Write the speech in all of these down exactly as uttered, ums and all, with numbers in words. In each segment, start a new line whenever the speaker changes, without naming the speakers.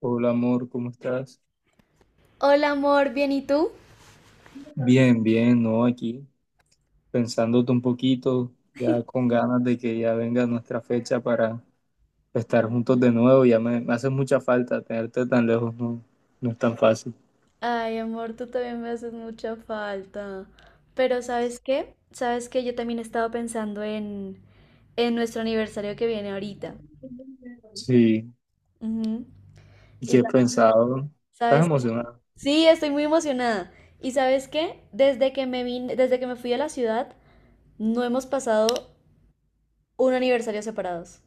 Hola amor, ¿cómo estás?
Hola amor, ¿bien y tú?
Bien, bien, ¿no? Aquí pensándote un poquito, ya con ganas de que ya venga nuestra fecha para estar juntos de nuevo. Ya me, me hace mucha falta tenerte tan lejos, no, no es tan fácil.
Ay, amor, tú también me haces mucha falta. Pero ¿sabes qué? ¿Sabes qué? Yo también he estado pensando en, en nuestro aniversario que viene ahorita.
Sí,
Ujú.
¿y
Y
qué he
sa-
pensado? ¿Estás
sabes, qué?
emocionado?
Sí, estoy muy emocionada. ¿Y sabes qué? Desde que me vine, desde que me fui a la ciudad, no hemos pasado un aniversario separados.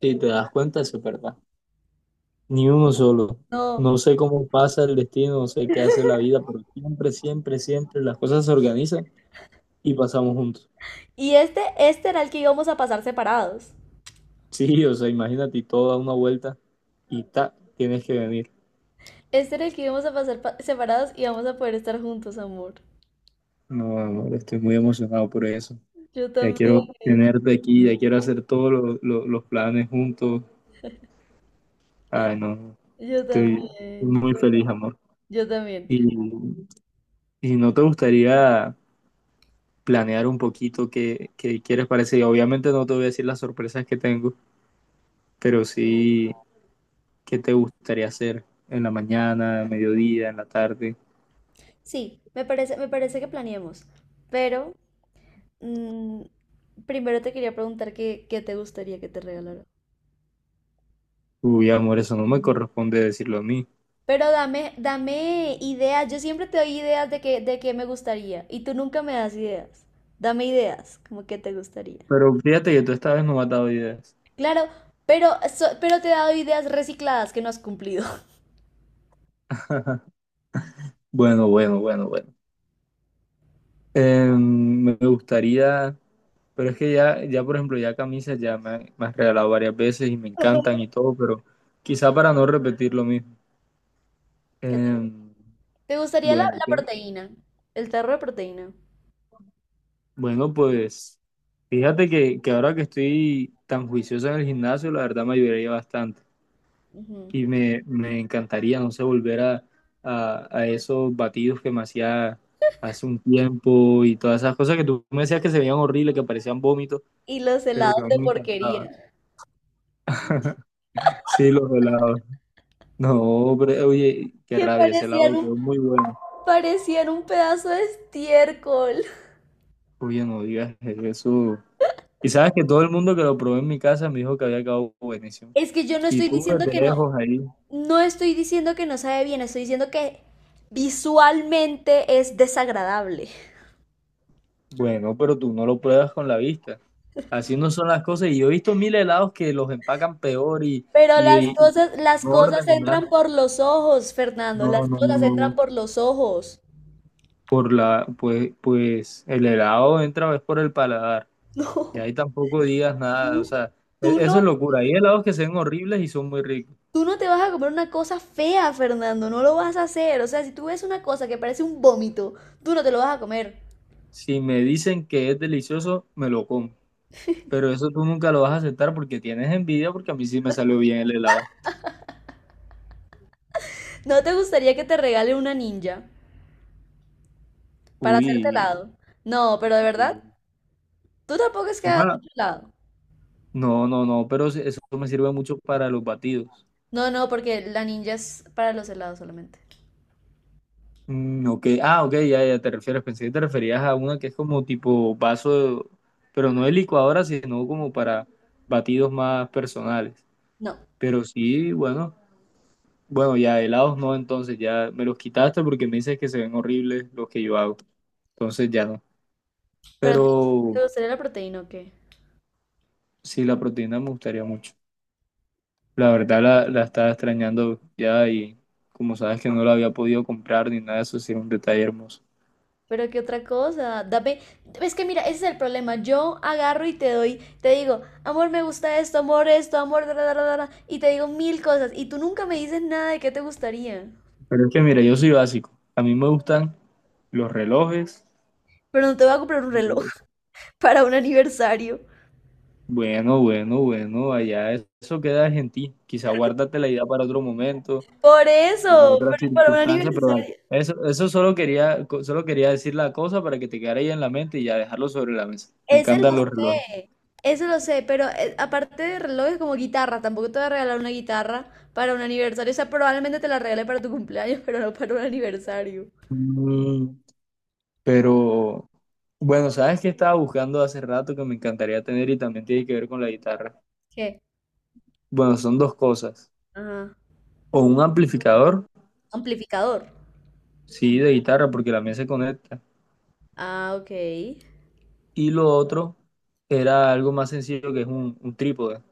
Sí, te das cuenta, eso es verdad. Ni uno solo.
No.
No sé cómo pasa el destino, no sé qué hace la vida, pero siempre, siempre, siempre las cosas se organizan y pasamos juntos.
Y este, este era el que íbamos a pasar separados.
Sí, o sea, imagínate y toda una vuelta y ta, tienes que venir.
Este era el que íbamos a pasar pa- separados y vamos a poder estar juntos, amor.
No, amor, estoy muy emocionado por eso.
Yo
Ya
también.
quiero tenerte aquí, ya quiero hacer todos lo- lo- los planes juntos. Ay, no,
Yo
estoy
también, yo también.
muy feliz, amor.
Yo también.
Y, y no te gustaría planear un poquito qué, qué quieres para ese día? Obviamente no te voy a decir las sorpresas que tengo, pero sí qué te gustaría hacer en la mañana, mediodía, en la tarde.
Sí, me parece, me parece que planeemos, pero mm, primero te quería preguntar qué, qué te gustaría que te regalara.
Uy, amor, eso no me corresponde decirlo a mí.
Pero dame, dame ideas, yo siempre te doy ideas de qué, de qué me gustaría y tú nunca me das ideas. Dame ideas, como que te gustaría.
Pero fíjate que tú esta vez no me has dado ideas.
Claro, pero, so- pero te he dado ideas recicladas que no has cumplido.
Bueno, bueno, bueno, bueno. Em, me gustaría, pero es que ya, ya por ejemplo, ya camisas ya me, han- me has regalado varias veces y me encantan y todo, pero quizá para no repetir lo mismo.
¿Qué te
Em,
te gustaría la,
bueno,
la
¿qué?
proteína, el tarro de proteína?
Bueno, pues fíjate que, que ahora que estoy tan juicioso en el gimnasio, la verdad me ayudaría bastante
Ujú.
y me, me encantaría, no sé, volver a, a, a esos batidos que me hacía hace un tiempo y todas esas cosas que tú me decías que se veían horribles, que parecían vómitos,
Y los
pero que
helados
a mí
de
me encantaba.
porquería.
Sí, los helados. No, hombre, oye, qué
Que
rabia, ese
parecían
lado quedó
un,
muy bueno.
parecían un pedazo de estiércol.
Oye, no digas eso. Y sabes que todo el mundo que lo probó en mi casa me dijo que había quedado buenísimo.
Es que yo no
Y
estoy
tú
diciendo
desde
que no,
lejos ahí.
no estoy diciendo que no sabe bien, estoy diciendo que visualmente es desagradable.
Bueno, pero tú no lo pruebas con la vista. Así no son las cosas. Y yo he visto mil helados que los empacan peor y,
Pero
y,
las
y
cosas, las
no
cosas
orden nada.
entran por los ojos, Fernando,
No,
las
no,
cosas entran
no.
por los ojos.
Por la, pues, pues el helado entra es por el paladar. Y ahí tampoco digas
No,
nada. O sea, e-
tú tú
eso
no,
es locura. Hay helados que se ven horribles y son muy ricos.
tú no te vas a comer una cosa fea, Fernando, no lo vas a hacer. O sea, si tú ves una cosa que parece un vómito, tú no te lo vas a comer.
Si me dicen que es delicioso, me lo como. Pero eso tú nunca lo vas a aceptar porque tienes envidia, porque a mí sí me salió bien el helado.
¿No te gustaría que te regalen una ninja? Para hacerte
Uy,
helado. No, pero de verdad, tú tampoco es que hagas
una-
mucho helado.
no, no, no, pero sí, eso me sirve mucho para los batidos.
No, no, porque la ninja es para los helados solamente.
Mm, ok, ah, ok, ya, ya te refieres. Pensé que te referías a una que es como tipo vaso, de- pero no de licuadora, sino como para batidos más personales.
No.
Pero sí, bueno, bueno, ya helados no, entonces ya me los quitaste porque me dices que se ven horribles los que yo hago. Entonces ya no.
Pero entonces, ¿te
Pero
gustaría la proteína o qué?
sí, la proteína me gustaría mucho. La verdad la, la estaba extrañando ya y como sabes que no la había podido comprar ni nada, eso sí es un detalle hermoso.
Pero qué otra cosa, dame. Es que mira, ese es el problema. Yo agarro y te doy, te digo, amor, me gusta esto, amor, esto, amor, da, da, da, da, da", y te digo mil cosas, y tú nunca me dices nada de qué te gustaría.
Pero es que mira, yo soy básico. A mí me gustan los relojes.
Pero no te voy a comprar un reloj para un aniversario.
Bueno, bueno, bueno, allá es- eso queda en ti. Quizá guárdate la idea para otro momento,
Por
para
eso,
otra
pero para un
circunstancia, pero dale.
aniversario.
Eso, eso solo quería, co- solo quería decir la cosa para que te quedara ahí en la mente y ya dejarlo sobre la mesa. Me
Ese lo
encantan los relojes.
sé, ese lo sé, pero eh, aparte de relojes como guitarra, tampoco te voy a regalar una guitarra para un aniversario, o sea, probablemente te la regale para tu cumpleaños, pero no para un aniversario.
Mm, pero... Bueno, sabes que estaba buscando hace rato que me encantaría tener y también tiene que ver con la guitarra.
¿Qué?
Bueno, son dos cosas.
Ajá.
O un amplificador,
Amplificador.
sí, de guitarra, porque la mía se conecta.
Ah, ok.
Y lo otro era algo más sencillo que es un, un trípode,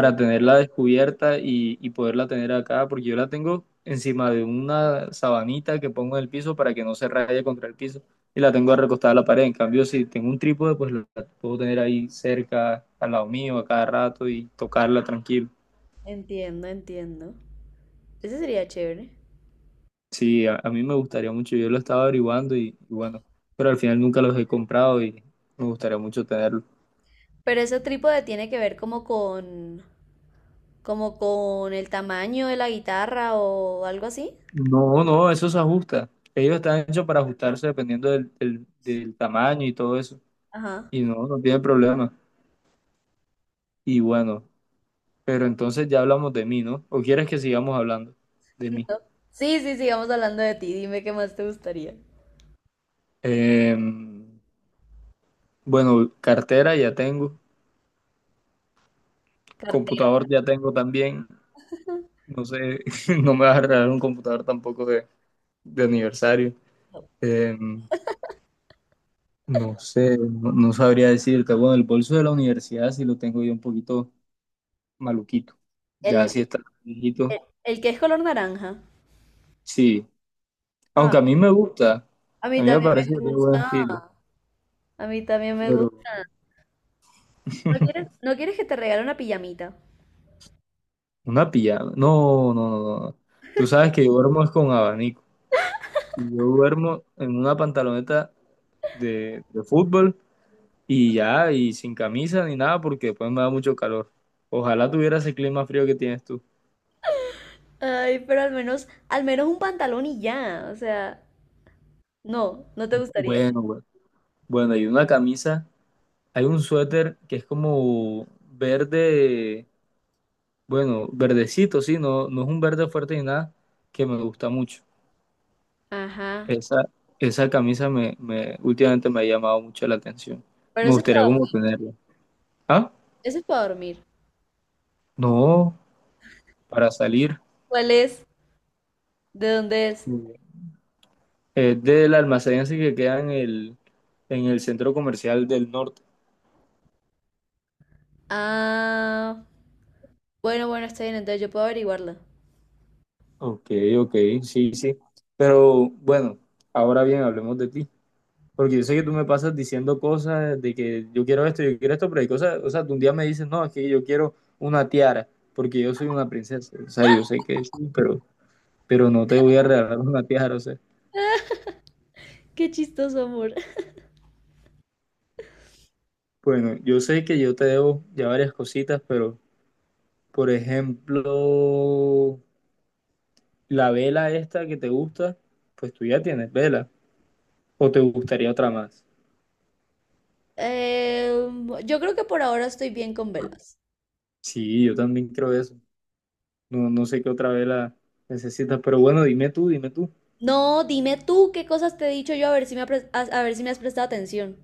Mm.
tenerla descubierta y, y poderla tener acá, porque yo la tengo encima de una sabanita que pongo en el piso para que no se raye contra el piso y la tengo recostada a la pared. En cambio, si tengo un trípode, pues la puedo tener ahí cerca, al lado mío, a cada rato y tocarla tranquilo.
Entiendo, entiendo. Ese sería chévere.
Sí, a, a mí me gustaría mucho, yo lo estaba averiguando y, y bueno, pero al final nunca los he comprado y me gustaría mucho tenerlos.
Pero ese trípode tiene que ver como con, como con el tamaño de la guitarra o algo así.
No, no, eso se ajusta. Ellos están hechos para ajustarse dependiendo del, del- del tamaño y todo eso.
Ajá.
Y no, no tiene problema. Y bueno, pero entonces ya hablamos de mí, ¿no? ¿O quieres que sigamos hablando de mí?
No. Sí, sí, sigamos hablando de ti. Dime qué más te gustaría.
Em, bueno, cartera ya tengo,
Cartera.
computador ya tengo también. No sé, no me vas a regalar un computador tampoco de, de aniversario. Em, No sé, no, no sabría decirte. Bueno, el bolso de la universidad sí lo tengo yo un poquito maluquito. Ya
El,
sí está
el,
viejito.
el que es color naranja.
Sí,
Ah,
aunque a mí me gusta,
a
a
mí
mí me
también
parece
me
que tiene buen estilo,
gusta. A mí también me gusta.
pero
¿No quieres, no quieres que te regale una pijamita?
una pijama. No, no, no, no. no. Tú sabes que yo duermo es con abanico. Y yo duermo en una pantaloneta de, de fútbol y ya, y sin camisa ni nada porque después me da mucho calor. Ojalá tuviera ese clima frío que tienes tú.
Ay, pero al menos, al menos un pantalón y ya. O sea, no, no te gustaría.
Bueno, bueno. Bueno, y una camisa. Hay un suéter que es como verde, bueno, verdecito, sí, no, no es un verde fuerte ni nada, que me gusta mucho.
Ajá.
Esa, esa camisa me, me, últimamente me ha llamado mucho la atención.
Pero
Me
ese es
gustaría
para,
como tenerla. Ah,
ese es para dormir.
no, para salir.
¿Cuál es? ¿De dónde es?
Es del almacén ese que queda en el, en el centro comercial del norte.
Ah, bueno, bueno, está bien, entonces yo puedo averiguarla.
Ok, ok, sí, sí. Pero bueno, ahora bien, hablemos de ti. Porque yo sé que tú me pasas diciendo cosas de que yo quiero esto, yo quiero esto, pero hay cosas, o sea, tú un día me dices, no, es que yo quiero una tiara, porque yo soy una princesa, o sea, yo sé que sí, pero, pero no te voy a regalar una tiara, o sea,
Qué chistoso, amor.
bueno, yo sé que yo te debo ya varias cositas, pero, por ejemplo, la vela esta que te gusta, pues tú ya tienes vela, o te gustaría otra más.
Eh, yo creo que por ahora estoy bien con velas.
Sí, yo también creo eso, no, no sé qué otra vela necesitas, pero bueno, dime tú, dime tú.
No, dime tú qué cosas te he dicho yo a ver si me, ha pres- a, a ver si me has prestado atención.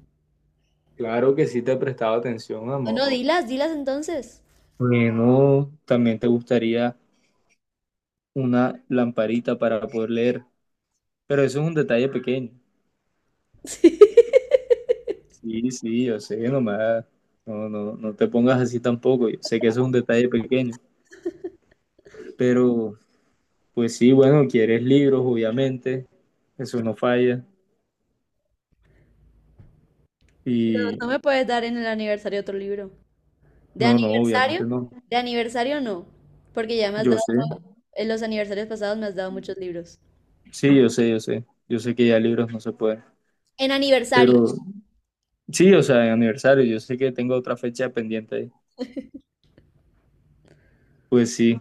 Claro que sí te he prestado atención,
Bueno,
amor.
dilas, dilas entonces.
Bueno, también te gustaría una lamparita para poder leer, pero eso es un detalle pequeño.
Sí.
Sí, sí, yo sé, nomás, no, no, no te pongas así tampoco, yo sé que eso es un detalle pequeño, pero pues sí, bueno, quieres libros, obviamente, eso no falla,
Pero
y
no me puedes dar en el aniversario otro libro. ¿De
no, no, obviamente
aniversario?
no,
De aniversario no, porque ya me has
yo sé,
dado, en los aniversarios pasados me has dado muchos libros.
sí, yo sé, yo sé, yo sé que ya libros no se pueden,
En aniversario.
pero sí, o sea, en aniversario, yo sé que tengo otra fecha pendiente ahí, pues sí.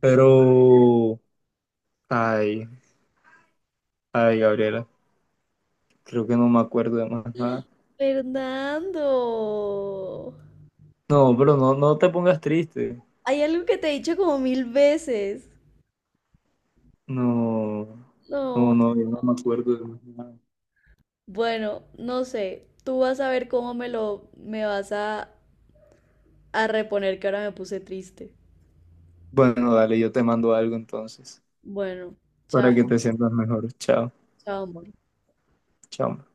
Pero, ay, ay, Gabriela, creo que no me acuerdo de más nada.
Fernando,
No, pero no, no te pongas triste.
hay algo que te he dicho como mil veces.
No, no,
No,
no, yo no me acuerdo de más nada.
bueno, no sé. Tú vas a ver cómo me lo me vas a a reponer que ahora me puse triste.
Bueno, dale, yo te mando algo entonces,
Bueno, chao,
para que te sientas mejor. Chao,
chao, amor.
chao.